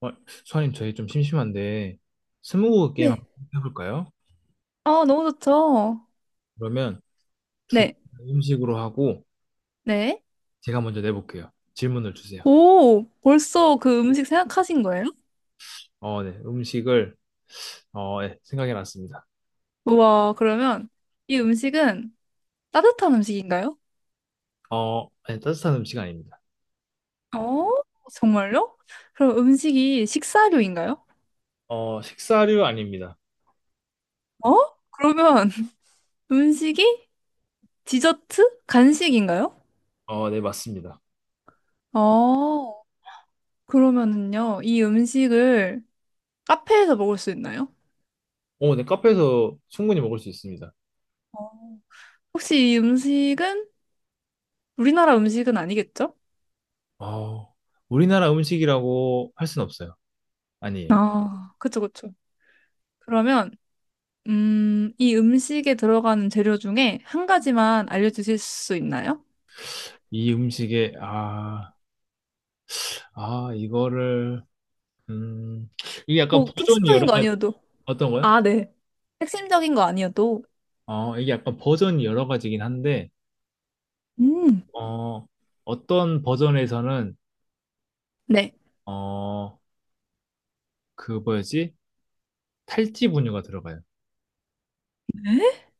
어, 수아님, 저희 좀 심심한데, 스무고개 게임 한번 네. 해볼까요? 아, 너무 좋죠. 그러면 두 네, 음식으로 하고, 네. 제가 먼저 내볼게요. 질문을 주세요. 오, 벌써 그 음식 생각하신 거예요? 네. 음식을, 네, 생각해 놨습니다. 우와, 그러면 이 음식은 따뜻한 음식인가요? 네, 따뜻한 음식 아닙니다. 어, 정말요? 그럼 음식이 식사류인가요? 식사류 아닙니다. 어? 그러면 음식이 디저트? 간식인가요? 네, 맞습니다. 어, 그러면은요, 이 음식을 카페에서 먹을 수 있나요? 네, 카페에서 충분히 먹을 수 있습니다. 어. 혹시 이 음식은 우리나라 음식은 아니겠죠? 어, 우리나라 음식이라고 할 순 없어요. 아니에요. 아, 그쵸, 그쵸. 그러면 이 음식에 들어가는 재료 중에 한 가지만 알려주실 수 있나요? 이 음식에, 아, 아, 이거를, 음, 이게 약간 뭐, 버전이 핵심적인 여러 거 가지, 아니어도. 어떤 거요? 아, 네. 핵심적인 거 아니어도. 이게 약간 버전이 여러 가지긴 한데, 음, 어, 어떤 버전에서는, 네. 어, 그 뭐였지? 탈지 분유가 들어가요.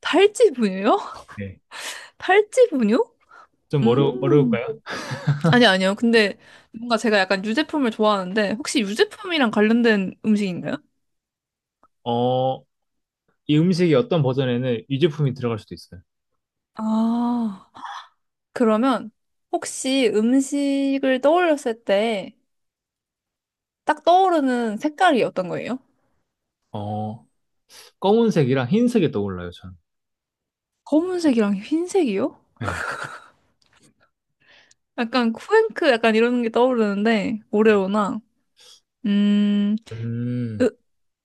탈지 분유요? 네. 탈지 분유? 음, 어려울까요? 아니, 아니요. 근데 뭔가 제가 약간 유제품을 좋아하는데, 혹시 유제품이랑 관련된 음식인가요? 어, 이 음식이 어떤 버전에는 유제품이 들어갈 수도 있어요. 아, 그러면 혹시 음식을 떠올렸을 때 딱 떠오르는 색깔이 어떤 거예요? 어, 검은색이랑 흰색이 떠올라요, 저는. 검은색이랑 흰색이요? 네. 약간 쿠앤크 약간 이런 게 떠오르는데 오레오나 음, 으, 음,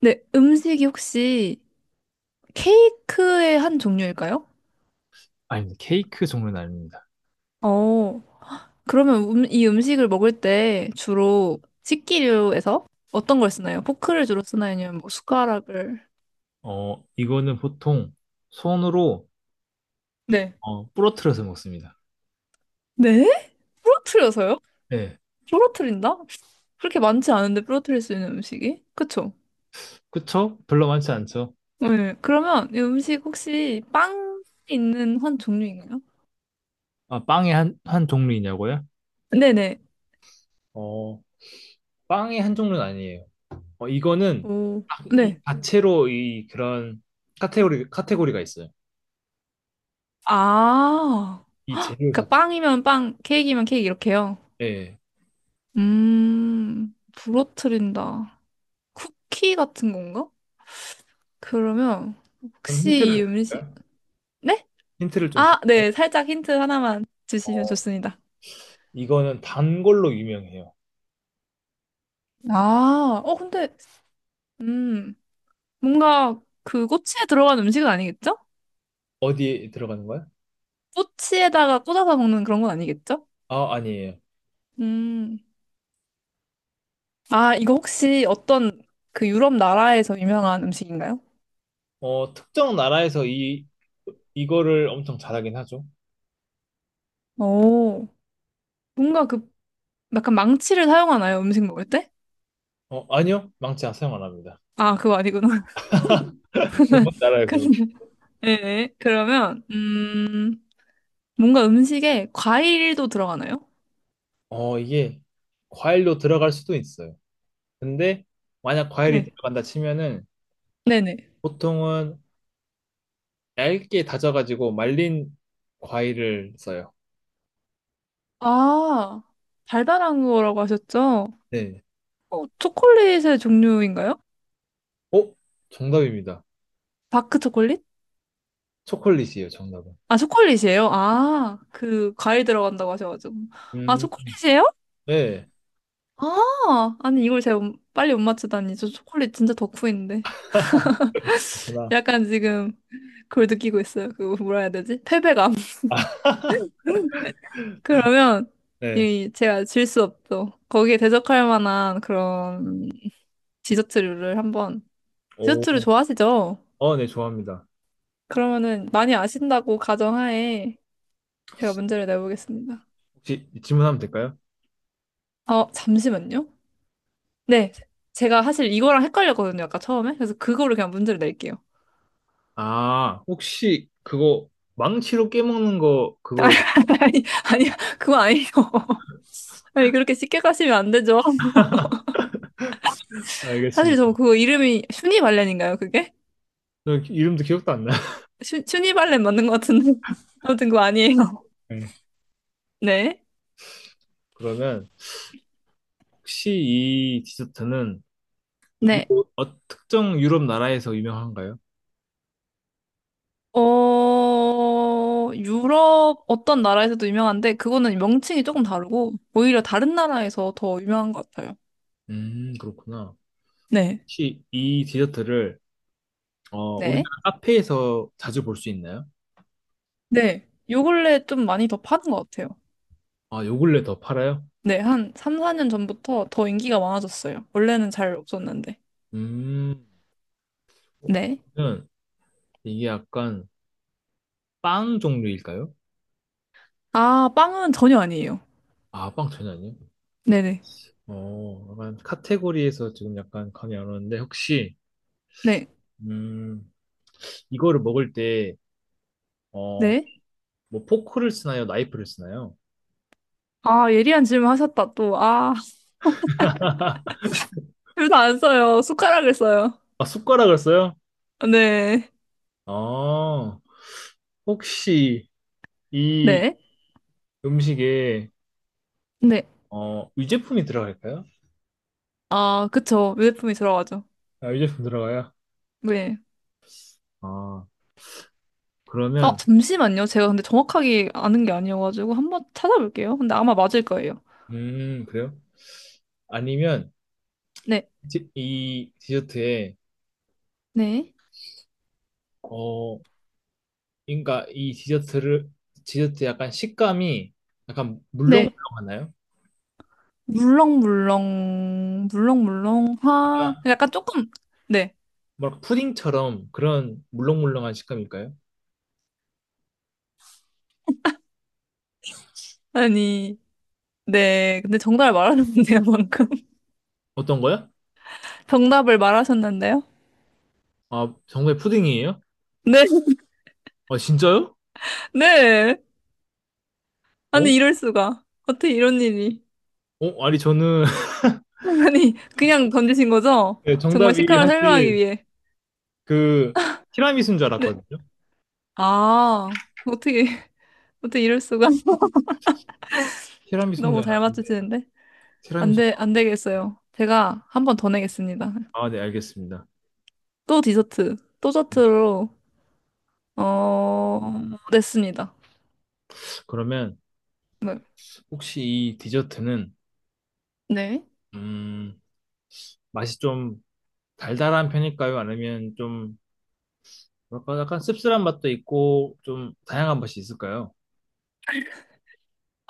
네, 음식이 혹시 케이크의 한 종류일까요? 아니, 케이크 종류는 아닙니다. 어, 그러면 이 음식을 먹을 때 주로 식기류에서 어떤 걸 쓰나요? 포크를 주로 쓰나요? 아니면 뭐 숟가락을? 이거는 보통 손으로, 네. 부러뜨려서 먹습니다. 네? 부러뜨려서요? 네. 부러뜨린다? 그렇게 많지 않은데 부러뜨릴 수 있는 음식이? 그쵸? 그쵸? 별로 많지 않죠? 네. 그러면 이 음식 혹시 빵 있는 한 종류인가요? 아, 빵의 한 종류이냐고요? 네네. 어, 빵의 한 종류는 아니에요. 이거는 오, 딱이 네. 자체로 이 그런 카테고리, 카테고리가 있어요. 아, 이 재료 그러니까 자체. 빵이면 빵, 케이크면 케이크 이렇게요. 예. 부러뜨린다. 쿠키 같은 건가? 그러면 좀 혹시 힌트를 이 음식, 드릴까요? 네? 힌트를 좀 아, 드릴까요? 네, 살짝 힌트 하나만 주시면 어, 좋습니다. 이거는 단 걸로 유명해요. 아, 어, 근데, 음, 뭔가 그 꼬치에 들어간 음식은 아니겠죠? 어디에 들어가는 거야? 꼬치에다가 꽂아서 먹는 그런 건 아니겠죠? 아, 아니에요. 음, 아, 이거 혹시 어떤 그 유럽 나라에서 유명한 음식인가요? 특정 나라에서 이거를 엄청 잘하긴 하죠. 오, 뭔가 그 약간 망치를 사용하나요? 음식 먹을 때? 아니요. 사용 안 합니다. 아, 그거 아니구나. 그건 나라예요, 그거. 그러면, 네, 그러면, 뭔가 음식에 과일도 들어가나요? 이게 과일로 들어갈 수도 있어요. 근데 만약 과일이 네. 들어간다 치면은 네네. 보통은 얇게 다져가지고 말린 과일을 써요. 아, 달달한 거라고 하셨죠? 네. 어, 초콜릿의 종류인가요? 어? 정답입니다. 다크 초콜릿? 초콜릿이에요, 정답은. 아, 초콜릿이에요? 아, 그, 과일 들어간다고 하셔가지고. 아, 음, 초콜릿이에요? 네. 아, 아니, 이걸 제가 못- 빨리 못 맞추다니. 저 초콜릿 진짜 덕후인데. 그렇구나. 약간 지금 그걸 느끼고 있어요. 그, 뭐라 해야 되지? 패배감. 그러면 네. 이 제가 질 수 없죠. 거기에 대적할 만한 그런 디저트류를 한번 디저트를 오. 좋아하시죠? 네, 좋아합니다. 그러면은 많이 아신다고 가정하에 제가 문제를 내보겠습니다. 혹시 질문하면 될까요? 어, 잠시만요. 네, 제가 사실 이거랑 헷갈렸거든요. 아까 처음에. 그래서 그거를 그냥 문제를 낼게요. 아, 혹시 그거 망치로 깨먹는 거 그거 아니, 아니, 그거 아니에요. 아니, 그렇게 쉽게 가시면 안 되죠. 사실 저 알겠습니다. 그거 이름이 슈니발렌인가요, 그게? 저 이름도 기억도 안 나요. 슈, 슈니발렌 맞는 것 같은데. 아무튼 그거 아니에요. 네. 네. 그러면 혹시 이 디저트는 네. 특정 유럽 나라에서 유명한가요? 어, 유럽 어떤 나라에서도 유명한데, 그거는 명칭이 조금 다르고, 오히려 다른 나라에서 더 유명한 것 같아요. 그렇구나. 네. 혹시 이 디저트를 우리나라 네. 카페에서 자주 볼 수 있나요? 네. 요 근래 좀 많이 더 파는 것 같아요. 아, 요 근래 더 팔아요? 네. 한 3, 4년 전부터 더 인기가 많아졌어요. 원래는 잘 없었는데. 음, 어, 네. 그러면 이게 약간 빵 종류일까요? 아, 빵은 전혀 아니에요. 아, 빵 전혀 아니에요? 네네. 약간 카테고리에서 지금 약간 감이 안 오는데, 혹시, 네. 음, 이거를 먹을 때, 어, 네. 뭐 포크를 쓰나요? 나이프를 쓰나요? 아, 예리한 질문 하셨다, 또. 아, 둘 다 안 써요. 숟가락을 써요. 아, 숟가락을 써요? 네. 아, 혹시 이 네. 음식에, 네. 유제품이 들어갈까요? 아, 그쵸. 유제품이 들어가죠. 아, 유제품 들어가요? 네. 아, 아, 그러면, 잠시만요. 제가 근데 정확하게 아는 게 아니어가지고 한번 찾아볼게요. 근데 아마 맞을 거예요. 그래요? 아니면 네, 이 디저트에 네, 어 그러니까 이 디저트를 디저트 약간 식감이 약간 네. 물렁물렁하나요? 물렁물렁, 물렁물렁, 화. 그러니까 약간 조금, 네. 뭐랄까 푸딩처럼 그런 물렁물렁한 식감일까요? 아니, 네. 근데 정답을 말하셨는데요, 방금. 어떤 거요? 정답을 말하셨는데요? 아, 정말 푸딩이에요? 네, 아, 진짜요? 네. 어? 아니, 이럴 수가. 어떻게 이런 일이. 어, 아니 저는 아니, 그냥 던지신 거죠? 네, 정말 정답이 식감을 설명하기 사실 위해. 그 티라미수인 줄 네. 알았거든요. 아, 어떻게, 어떻게 이럴 수가. 티라미수인 줄 너무 잘 알았는데 맞추시는데. 안 티라미수가 돼, 안 아니에요. 되겠어요. 제가 한 번 더 내겠습니다. 아, 네, 알겠습니다. 또 디저트, 또 저트로, 어, 냈습니다. 그러면 네. 혹시 이 디저트는 네. 음, 맛이 좀 달달한 편일까요? 아니면 좀 뭐랄까 약간 씁쓸한 맛도 있고 좀 다양한 맛이 있을까요?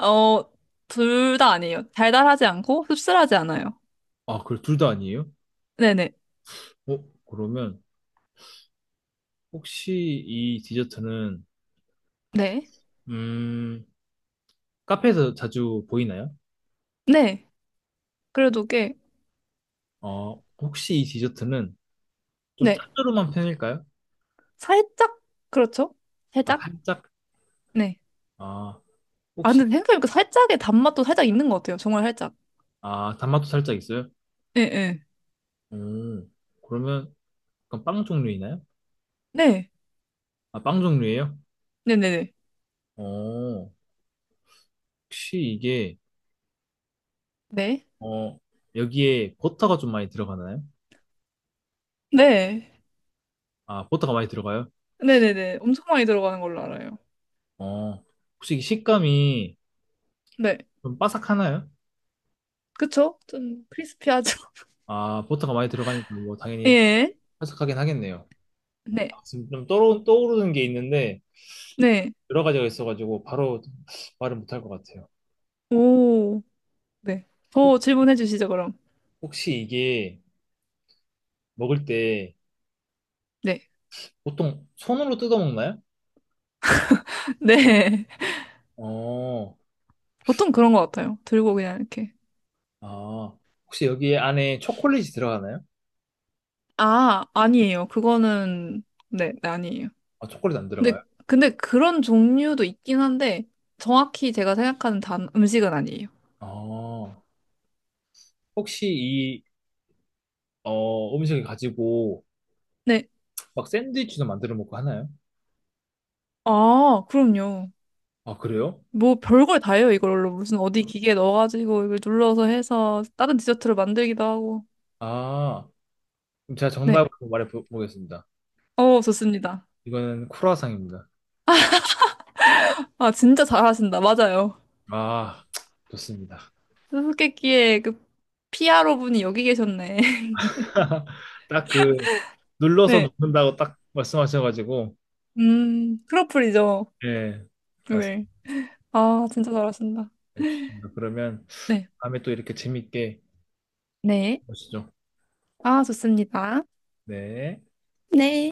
어, 둘 다 아니에요. 달달하지 않고 씁쓸하지 않아요. 아, 그 둘 다 아니에요? 네네. 어, 그러면 혹시 이 디저트는 네. 음, 카페에서 자주 보이나요? 네. 그래도 꽤, 혹시 이 디저트는 좀 네. 짭조름한 편일까요? 살짝, 그렇죠? 아, 살짝? 살짝? 네. 아, 아, 근데 혹시 생각해보니까 살짝의 단맛도 살짝 있는 것 같아요. 정말 살짝. 아, 단맛도 살짝 있어요? 예, 예. 음, 그러면 그빵 종류이나요? 네. 아, 빵 종류예요? 네네네. 어, 혹시 이게 네. 어, 여기에 버터가 좀 많이 들어가나요? 네. 아, 버터가 많이 들어가요? 네네네. 엄청 많이 들어가는 걸로 알아요. 어, 혹시 이 식감이 네. 좀 바삭하나요? 그쵸? 좀 크리스피하죠. 아, 버터가 많이 들어가니까 뭐 당연히 예. 바삭하긴 하겠네요. 아, 네. 지금 좀 떠오르는 게 있는데 네. 여러 가지가 있어가지고 바로 말을 못할 것 같아요. 오. 네. 더 혹- 질문해 주시죠, 그럼. 혹시 이게 먹을 때 네. 보통 손으로 뜯어 먹나요? 네. 어, 보통 그런 것 같아요. 들고 그냥 이렇게. 아, 혹시 여기 안에 초콜릿이 들어가나요? 아, 아니에요. 그거는, 네, 네, 아니에요. 아, 초콜릿 안 근데, 들어가요? 근데 그런 종류도 있긴 한데, 정확히 제가 생각하는 단, 음식은 아니에요. 어, 혹시 음식을 가지고 네. 막 샌드위치도 만들어 먹고 하나요? 아, 그럼요. 아, 그래요? 뭐 별걸 다 해요, 이걸로. 무슨 어디 기계 넣어가지고 이걸 눌러서 해서 다른 디저트를 만들기도 하고. 아, 그럼 제가 네. 정답을 말해보겠습니다. 어, 좋습니다. 이거는 크루아상입니다. 아, 진짜 잘하신다. 맞아요. 아, 좋습니다. 수수께끼의 그 피아로 분이 여기 계셨네. 딱 그, 눌러서 네. 먹는다고 딱 말씀하셔가지고, 크로플이죠. 예, 네. 맞습니다. 아, 진짜 잘하신다. 예, 좋습니다. 그러면 네. 다음에 또 이렇게 재밌게 네. 보시죠. 아, 좋습니다. 네. 네.